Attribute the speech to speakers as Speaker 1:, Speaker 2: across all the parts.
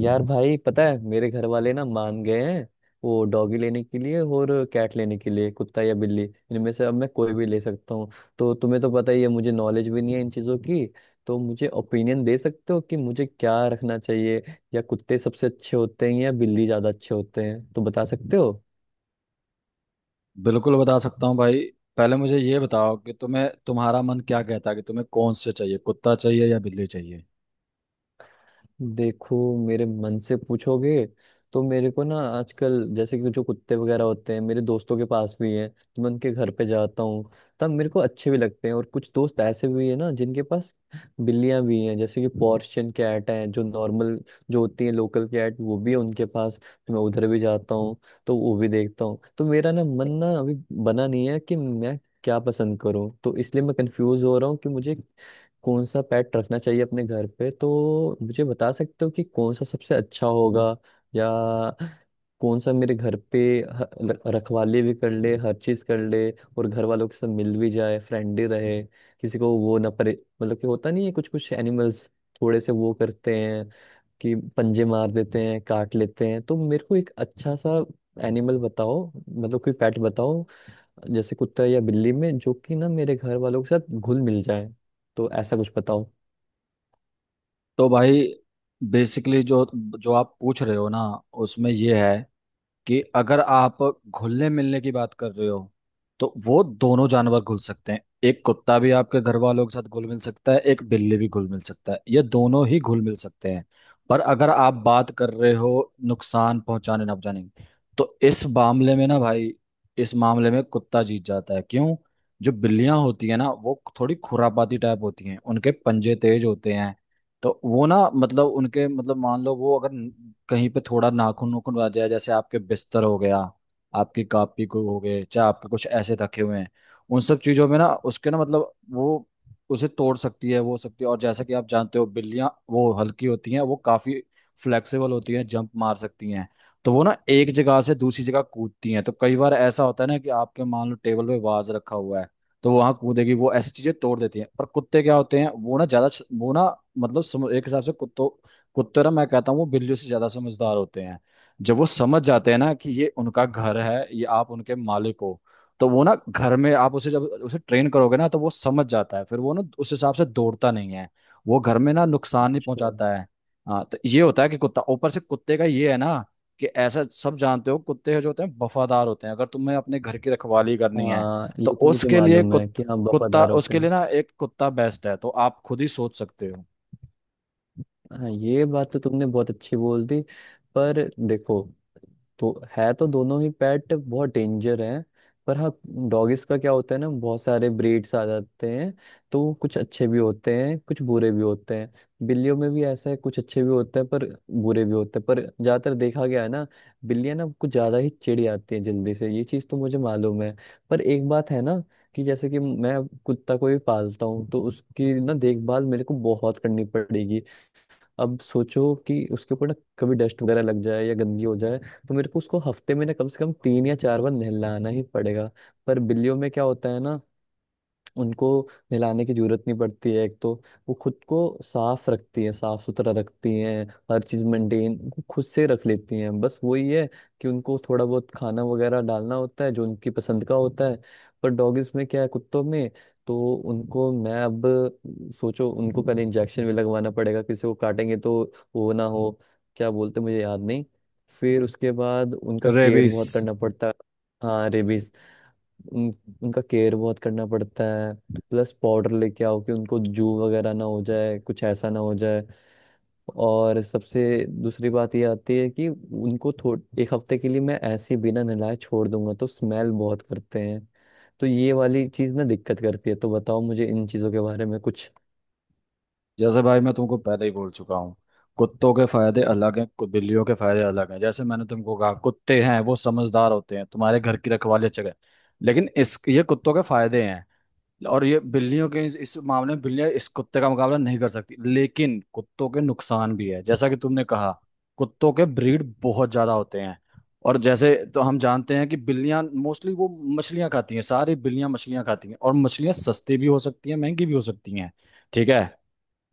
Speaker 1: यार भाई पता है मेरे घर वाले ना मान गए हैं। वो डॉगी लेने के लिए और कैट लेने के लिए, कुत्ता या बिल्ली, इनमें से अब मैं कोई भी ले सकता हूँ। तो तुम्हें तो पता ही है मुझे नॉलेज भी नहीं है इन चीज़ों की। तो मुझे ओपिनियन दे सकते हो कि मुझे क्या रखना चाहिए, या कुत्ते सबसे अच्छे होते हैं या बिल्ली ज़्यादा अच्छे होते हैं, तो बता सकते हो।
Speaker 2: बिल्कुल बता सकता हूँ भाई। पहले मुझे ये बताओ कि तुम्हें तुम्हारा मन क्या कहता है, कि तुम्हें कौन से चाहिए, कुत्ता चाहिए या बिल्ली चाहिए।
Speaker 1: देखो, मेरे मन से पूछोगे तो मेरे को ना आजकल जैसे कि जो कुत्ते वगैरह होते हैं, मेरे दोस्तों के पास भी हैं, तो मैं उनके घर पे जाता हूँ, तब मेरे को अच्छे भी लगते हैं। और कुछ दोस्त ऐसे भी हैं ना जिनके पास बिल्लियाँ भी हैं, जैसे कि पर्शियन कैट है, जो नॉर्मल जो होती है लोकल कैट वो भी है उनके पास, तो मैं उधर भी जाता हूँ, तो वो भी देखता हूँ। तो मेरा ना मन ना अभी बना नहीं है कि मैं क्या पसंद करूँ, तो इसलिए मैं कंफ्यूज हो रहा हूँ कि मुझे कौन सा पेट रखना चाहिए अपने घर पे। तो मुझे बता सकते हो कि कौन सा सबसे अच्छा होगा, या कौन सा मेरे घर पे रखवाली भी कर ले, हर चीज कर ले, और घर वालों के साथ मिल भी जाए, फ्रेंडली रहे, किसी को वो ना परे। मतलब कि होता नहीं है, कुछ कुछ एनिमल्स थोड़े से वो करते हैं, कि पंजे मार देते हैं, काट लेते हैं। तो मेरे को एक अच्छा सा एनिमल बताओ, मतलब कोई पेट बताओ, जैसे कुत्ता या बिल्ली में, जो कि ना मेरे घर वालों के साथ घुल मिल जाए, तो ऐसा कुछ बताओ।
Speaker 2: तो भाई, बेसिकली जो जो आप पूछ रहे हो ना, उसमें ये है कि अगर आप घुलने मिलने की बात कर रहे हो तो वो दोनों जानवर घुल सकते हैं। एक कुत्ता भी आपके घर वालों के साथ घुल मिल सकता है, एक बिल्ली भी घुल मिल सकता है, ये दोनों ही घुल मिल सकते हैं। पर अगर आप बात कर रहे हो नुकसान पहुंचाने ना पहुंचाने की, तो इस मामले में ना भाई, इस मामले में कुत्ता जीत जाता है, क्यों? जो बिल्लियां होती है ना, वो थोड़ी खुरापाती टाइप होती हैं, उनके पंजे तेज होते हैं। तो वो ना मतलब उनके मतलब मान लो वो अगर कहीं पे थोड़ा नाखून नूखून आ जाए, जैसे आपके बिस्तर हो गया, आपकी कापी को हो गए, चाहे आपके कुछ ऐसे रखे हुए हैं, उन सब चीजों में ना, उसके ना मतलब वो उसे तोड़ सकती है, वो हो सकती है। और जैसा कि आप जानते हो, बिल्लियां वो हल्की होती हैं, वो काफी फ्लेक्सिबल होती हैं, जंप मार सकती हैं। तो वो ना एक जगह से दूसरी जगह कूदती हैं, तो कई बार ऐसा होता है ना कि आपके, मान लो टेबल पे वाज रखा हुआ है, तो वो वहां कूदेगी, वो ऐसी चीजें तोड़ देती हैं। पर कुत्ते क्या होते हैं, वो ना ज्यादा वो ना मतलब समझ, एक हिसाब से कुत्तों कुत्ते ना, मैं कहता हूँ वो बिल्लियों से ज्यादा समझदार होते हैं। जब वो समझ जाते हैं ना कि ये उनका घर है, ये आप उनके मालिक हो, तो वो ना घर में आप उसे जब उसे ट्रेन करोगे ना, तो वो समझ जाता है, फिर वो ना उस हिसाब से दौड़ता नहीं है, वो घर में ना नुकसान नहीं
Speaker 1: अच्छा।
Speaker 2: पहुंचाता है। हाँ, तो ये होता है कि कुत्ता, ऊपर से कुत्ते का ये है ना, कि ऐसा सब जानते हो, कुत्ते जो होते हैं वफादार होते हैं, अगर तुम्हें अपने घर की रखवाली करनी है,
Speaker 1: हाँ,
Speaker 2: तो
Speaker 1: ये तो मुझे
Speaker 2: उसके लिए
Speaker 1: मालूम है कि हम
Speaker 2: कुत्ता,
Speaker 1: वफादार होते
Speaker 2: उसके लिए
Speaker 1: हैं।
Speaker 2: ना एक कुत्ता बेस्ट है, तो आप खुद ही सोच सकते हो।
Speaker 1: हाँ, ये बात तो तुमने बहुत अच्छी बोल दी। पर देखो, तो है तो दोनों ही पेट बहुत डेंजर हैं, पर हाँ, डॉगिस का क्या होता है ना, बहुत सारे ब्रीड्स आ जाते हैं, तो वो कुछ अच्छे भी होते हैं कुछ बुरे भी होते हैं। बिल्लियों में भी ऐसा है, कुछ अच्छे भी होते हैं पर बुरे भी होते हैं। पर ज्यादातर देखा गया है ना, बिल्लियां ना कुछ ज्यादा ही चिढ़ जाती हैं जल्दी से, ये चीज तो मुझे मालूम है। पर एक बात है ना, कि जैसे कि मैं कुत्ता को भी पालता हूँ, तो उसकी ना देखभाल मेरे को बहुत करनी पड़ेगी। अब सोचो कि उसके ऊपर ना कभी डस्ट वगैरह लग जाए या गंदगी हो जाए, तो मेरे को उसको हफ्ते में ना कम से कम तीन या चार बार नहलाना ही पड़ेगा। पर बिल्लियों में क्या होता है ना, उनको नहलाने की जरूरत नहीं पड़ती है एक तो, वो खुद को साफ रखती है, साफ सुथरा रखती हैं, हर चीज मेंटेन खुद से रख लेती हैं। बस वही है कि उनको थोड़ा बहुत खाना वगैरह डालना होता है जो उनकी पसंद का होता है। पर डॉगिस में क्या है, कुत्तों में, तो उनको मैं अब सोचो, उनको पहले इंजेक्शन भी लगवाना पड़ेगा, किसी को काटेंगे तो वो ना हो, क्या बोलते मुझे याद नहीं। फिर उसके बाद उनका केयर
Speaker 2: रेबीज।
Speaker 1: बहुत करना पड़ता है। हाँ, रेबीज। उन, उनका केयर बहुत करना पड़ता है। प्लस पाउडर लेके आओ कि उनको जू वगैरह ना हो जाए, कुछ ऐसा ना हो जाए। और सबसे दूसरी बात ये आती है कि उनको थोड़ा एक हफ्ते के लिए मैं ऐसे ही बिना नहलाए छोड़ दूंगा, तो स्मेल बहुत करते हैं। तो ये वाली चीज़ ना दिक्कत करती है। तो बताओ मुझे इन चीज़ों के बारे में कुछ।
Speaker 2: जैसे भाई, मैं तुमको पहले ही बोल चुका हूँ, कुत्तों के फायदे अलग हैं, बिल्लियों के फायदे अलग हैं। जैसे मैंने तुमको कहा, कुत्ते हैं वो समझदार होते हैं, तुम्हारे घर की रखवाली अच्छा करें। लेकिन इस ये कुत्तों के फायदे हैं, और ये बिल्लियों के, इस मामले में बिल्लियां इस कुत्ते का मुकाबला नहीं कर सकती, लेकिन कुत्तों के नुकसान भी है, जैसा कि तुमने कहा। कुत्तों के ब्रीड बहुत ज्यादा होते हैं, और जैसे तो हम जानते हैं कि बिल्लियां मोस्टली वो मछलियां खाती हैं, सारी बिल्लियां मछलियां खाती हैं, और मछलियां सस्ती भी हो सकती हैं, महंगी भी हो सकती हैं। ठीक है।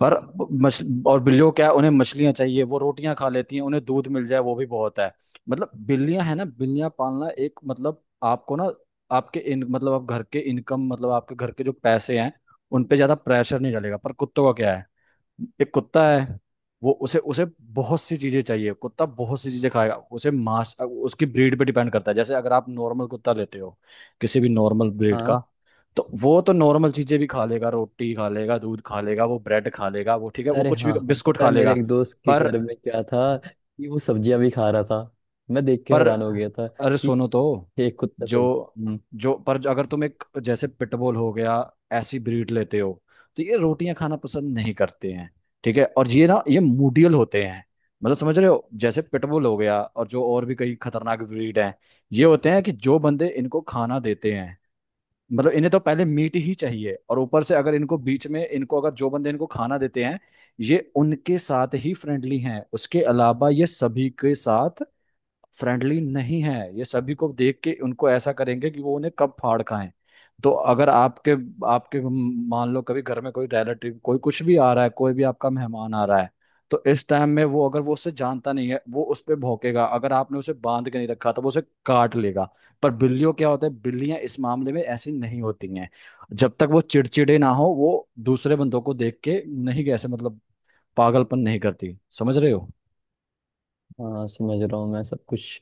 Speaker 2: पर मछ और बिल्लियों क्या है, उन्हें मछलियां चाहिए, वो रोटियां खा लेती हैं, उन्हें दूध मिल जाए वो भी बहुत है। मतलब बिल्लियां है ना, बिल्लियां पालना एक मतलब आपको ना आपके इन मतलब आप घर के इनकम मतलब आपके घर के जो पैसे हैं, उन पे ज्यादा प्रेशर नहीं डालेगा। पर कुत्तों का क्या है? एक कुत्ता है, वो उसे उसे बहुत सी चीजें चाहिए, कुत्ता बहुत सी चीजें खाएगा, उसे मांस, उसकी ब्रीड पे डिपेंड करता है। जैसे अगर आप नॉर्मल कुत्ता लेते हो, किसी भी नॉर्मल ब्रीड का,
Speaker 1: हाँ।
Speaker 2: तो वो तो नॉर्मल चीजें भी खा लेगा, रोटी खा लेगा, दूध खा लेगा, वो ब्रेड खा लेगा, वो ठीक है, वो
Speaker 1: अरे
Speaker 2: कुछ भी
Speaker 1: हाँ हाँ,
Speaker 2: बिस्कुट
Speaker 1: पता है,
Speaker 2: खा
Speaker 1: मेरे
Speaker 2: लेगा।
Speaker 1: एक दोस्त के
Speaker 2: पर
Speaker 1: घर में क्या था कि वो सब्जियां भी खा रहा था, मैं देख के
Speaker 2: पर
Speaker 1: हैरान हो गया था
Speaker 2: अरे
Speaker 1: कि
Speaker 2: सुनो तो,
Speaker 1: एक कुत्ता
Speaker 2: जो
Speaker 1: सब्जी।
Speaker 2: जो पर जो- अगर तुम एक जैसे पिटबुल हो गया, ऐसी ब्रीड लेते हो, तो ये रोटियां खाना पसंद नहीं करते हैं। ठीक है, और ये ना ये मूडियल होते हैं, मतलब समझ रहे हो, जैसे पिटबुल हो गया, और जो और भी कई खतरनाक ब्रीड हैं। ये होते हैं कि जो बंदे इनको खाना देते हैं, मतलब इन्हें तो पहले मीट ही चाहिए, और ऊपर से अगर इनको बीच में इनको अगर जो बंदे इनको खाना देते हैं, ये उनके साथ ही फ्रेंडली हैं, उसके अलावा ये सभी के साथ फ्रेंडली नहीं है, ये सभी को देख के उनको ऐसा करेंगे कि वो उन्हें कब फाड़ खाएं। तो अगर आपके आपके मान लो कभी घर में कोई रिलेटिव कोई कुछ भी आ रहा है, कोई भी आपका मेहमान आ रहा है, तो इस टाइम में वो, अगर वो उससे जानता नहीं है, वो उस पर भौंकेगा, अगर आपने उसे बांध के नहीं रखा तो वो उसे काट लेगा। पर बिल्लियों क्या होता है, बिल्लियां इस मामले में ऐसी नहीं होती हैं। जब तक वो चिड़चिड़े ना हो, वो दूसरे बंदों को देख के नहीं ऐसे मतलब पागलपन नहीं करती, समझ रहे हो?
Speaker 1: हाँ, समझ रहा हूँ मैं सब कुछ।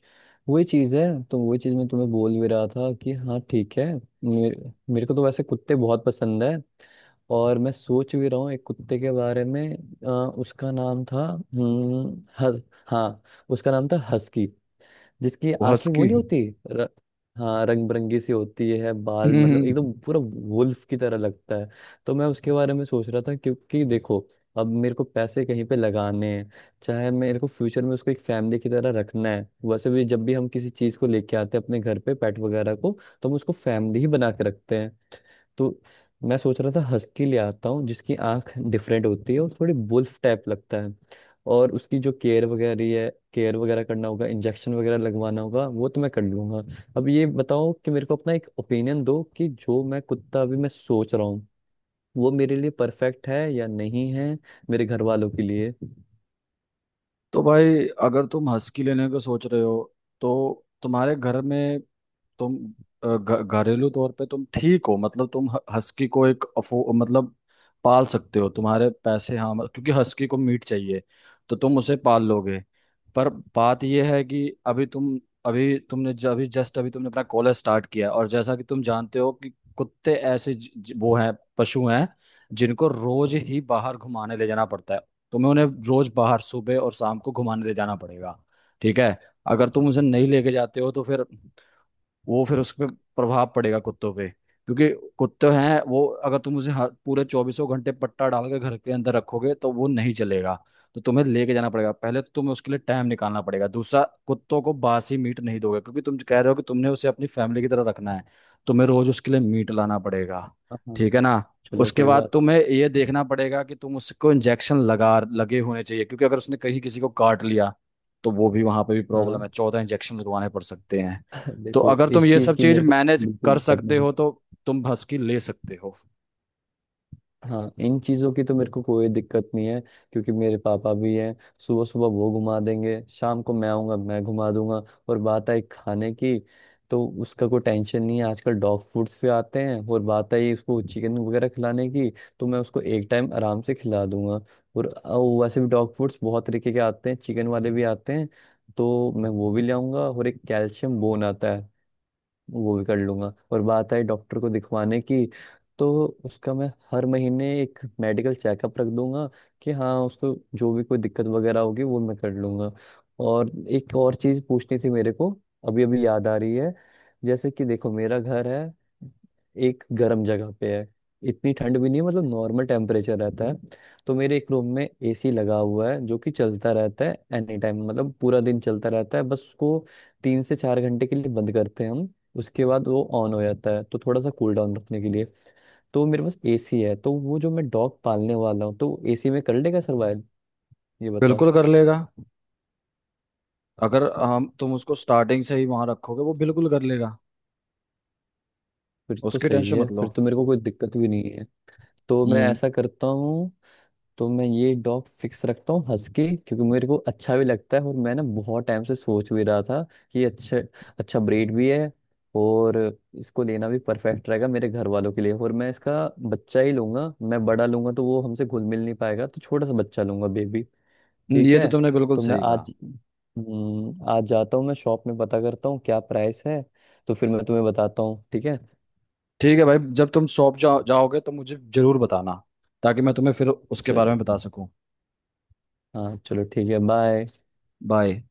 Speaker 1: वही चीज़ है, तो वही चीज़ मैं तुम्हें बोल भी रहा था कि हाँ ठीक है। मेरे को तो वैसे कुत्ते बहुत पसंद है और मैं सोच भी रहा हूँ एक कुत्ते के बारे में। उसका नाम था, हम्म, हस, हाँ, उसका नाम था हस्की, जिसकी
Speaker 2: वो हंस
Speaker 1: आंखें वो
Speaker 2: की।
Speaker 1: नहीं होती, र, हाँ, रंग बिरंगी सी होती है, बाल मतलब एकदम पूरा वुल्फ की तरह लगता है। तो मैं उसके बारे में सोच रहा था, क्योंकि देखो, अब मेरे को पैसे कहीं पे लगाने हैं, चाहे मेरे को फ्यूचर में उसको एक फैमिली की तरह रखना है। वैसे भी जब भी हम किसी चीज को लेके आते हैं अपने घर पे पेट वगैरह को, तो हम उसको फैमिली ही बना के रखते हैं। तो मैं सोच रहा था हस्की ले आता हूँ, जिसकी आंख डिफरेंट होती है और थोड़ी बुल्फ टाइप लगता है। और उसकी जो केयर वगैरह है, केयर वगैरह करना होगा, इंजेक्शन वगैरह लगवाना होगा, वो तो मैं कर लूंगा। अब ये बताओ कि मेरे को अपना एक ओपिनियन दो कि जो मैं कुत्ता अभी मैं सोच रहा हूँ, वो मेरे लिए परफेक्ट है या नहीं है, मेरे घर वालों के लिए।
Speaker 2: तो भाई, अगर तुम हस्की लेने का सोच रहे हो, तो तुम्हारे घर में तुम घरेलू तौर पे तुम ठीक हो, मतलब तुम हस्की को एक अफो मतलब पाल सकते हो, तुम्हारे पैसे, हाँ क्योंकि हस्की को मीट चाहिए, तो तुम उसे पाल लोगे। पर बात यह है कि अभी तुम अभी जस्ट अभी तुमने अपना कॉलेज स्टार्ट किया, और जैसा कि तुम जानते हो कि कुत्ते ऐसे ज, ज, वो हैं पशु हैं, जिनको रोज ही बाहर घुमाने ले जाना पड़ता है। तुम्हें उन्हें रोज बाहर सुबह और शाम को घुमाने ले जाना पड़ेगा। ठीक है। अगर तुम उसे नहीं लेके जाते हो तो फिर वो फिर उस पे प्रभाव पड़ेगा, कुत्तों पे, क्योंकि कुत्ते हैं, वो अगर तुम उसे पूरे चौबीसों घंटे पट्टा डाल के घर के अंदर रखोगे तो वो नहीं चलेगा। तो तुम्हें लेके जाना पड़ेगा। पहले तो तुम्हें उसके लिए टाइम निकालना पड़ेगा, दूसरा, कुत्तों को बासी मीट नहीं दोगे, क्योंकि तुम कह रहे हो कि तुमने उसे अपनी फैमिली की तरह रखना है, तुम्हें रोज उसके लिए मीट लाना पड़ेगा,
Speaker 1: हाँ,
Speaker 2: ठीक है ना।
Speaker 1: चलो
Speaker 2: उसके
Speaker 1: कोई
Speaker 2: बाद
Speaker 1: बात नहीं।
Speaker 2: तुम्हें ये देखना पड़ेगा कि तुम उसको इंजेक्शन लगा लगे होने चाहिए, क्योंकि अगर उसने कहीं किसी को काट लिया, तो वो भी वहां पे भी प्रॉब्लम है,
Speaker 1: हाँ,
Speaker 2: 14 इंजेक्शन लगवाने पड़ सकते हैं। तो
Speaker 1: देखो,
Speaker 2: अगर तुम
Speaker 1: इस
Speaker 2: ये
Speaker 1: चीज
Speaker 2: सब
Speaker 1: की
Speaker 2: चीज
Speaker 1: मेरे को
Speaker 2: मैनेज
Speaker 1: बिल्कुल
Speaker 2: कर
Speaker 1: दिक्कत
Speaker 2: सकते
Speaker 1: नहीं
Speaker 2: हो,
Speaker 1: है।
Speaker 2: तो तुम भस्की ले सकते हो।
Speaker 1: हाँ, इन चीज़ों की तो मेरे को कोई दिक्कत नहीं है, क्योंकि मेरे पापा भी हैं, सुबह सुबह वो घुमा देंगे, शाम को मैं आऊँगा मैं घुमा दूंगा। और बात आई खाने की, तो उसका कोई टेंशन नहीं है, आजकल डॉग फूड्स भी आते हैं। और बात आई उसको चिकन वगैरह खिलाने की, तो मैं उसको एक टाइम आराम से खिला दूंगा। और वैसे भी डॉग फूड्स बहुत तरीके के आते हैं, चिकन वाले भी आते हैं, तो मैं वो भी ले आऊंगा। और एक कैल्शियम बोन आता है, वो भी कर लूंगा। और बात आई डॉक्टर को दिखवाने की, तो उसका मैं हर महीने एक मेडिकल चेकअप रख दूंगा, कि हाँ उसको जो भी कोई दिक्कत वगैरह होगी वो मैं कर लूंगा। और एक और चीज़ पूछनी थी मेरे को, अभी अभी याद आ रही है। जैसे कि देखो, मेरा घर है, एक गर्म जगह पे है, इतनी ठंड भी नहीं है, मतलब नॉर्मल टेम्परेचर रहता है। तो मेरे एक रूम में एसी लगा हुआ है, जो कि चलता रहता है एनी टाइम, मतलब पूरा दिन चलता रहता है, बस उसको तीन से चार घंटे के लिए बंद करते हैं हम, उसके बाद वो ऑन हो जाता है, तो थोड़ा सा कूल डाउन रखने के लिए। तो मेरे पास एसी है, तो वो जो मैं डॉग पालने वाला हूँ तो एसी में कर लेगा सर्वाइव, ये बताओ।
Speaker 2: बिल्कुल कर लेगा। अगर हम तुम उसको स्टार्टिंग से ही वहां रखोगे, वो बिल्कुल कर लेगा।
Speaker 1: फिर तो
Speaker 2: उसकी
Speaker 1: सही
Speaker 2: टेंशन
Speaker 1: है,
Speaker 2: मत लो।
Speaker 1: फिर तो मेरे को कोई दिक्कत भी नहीं है। तो मैं
Speaker 2: हम्म।
Speaker 1: ऐसा करता हूँ, तो मैं ये डॉग फिक्स रखता हूँ हस्की, क्योंकि मेरे को अच्छा भी लगता है और मैं ना बहुत टाइम से सोच भी रहा था कि अच्छा, अच्छा ब्रीड भी है, और इसको लेना भी परफेक्ट रहेगा मेरे घर वालों के लिए। और मैं इसका बच्चा ही लूंगा, मैं बड़ा लूंगा तो वो हमसे घुल मिल नहीं पाएगा, तो छोटा सा बच्चा लूंगा, बेबी। ठीक
Speaker 2: ये तो
Speaker 1: है।
Speaker 2: तुमने बिल्कुल
Speaker 1: तो मैं
Speaker 2: सही कहा।
Speaker 1: आज, आज जाता हूँ मैं शॉप में, पता करता हूँ क्या प्राइस है, तो फिर मैं तुम्हें बताता हूँ, ठीक है।
Speaker 2: ठीक है भाई, जब तुम शॉप जाओगे तो मुझे जरूर बताना, ताकि मैं तुम्हें फिर उसके बारे में
Speaker 1: चलो,
Speaker 2: बता सकूं।
Speaker 1: हाँ चलो ठीक है, बाय।
Speaker 2: बाय।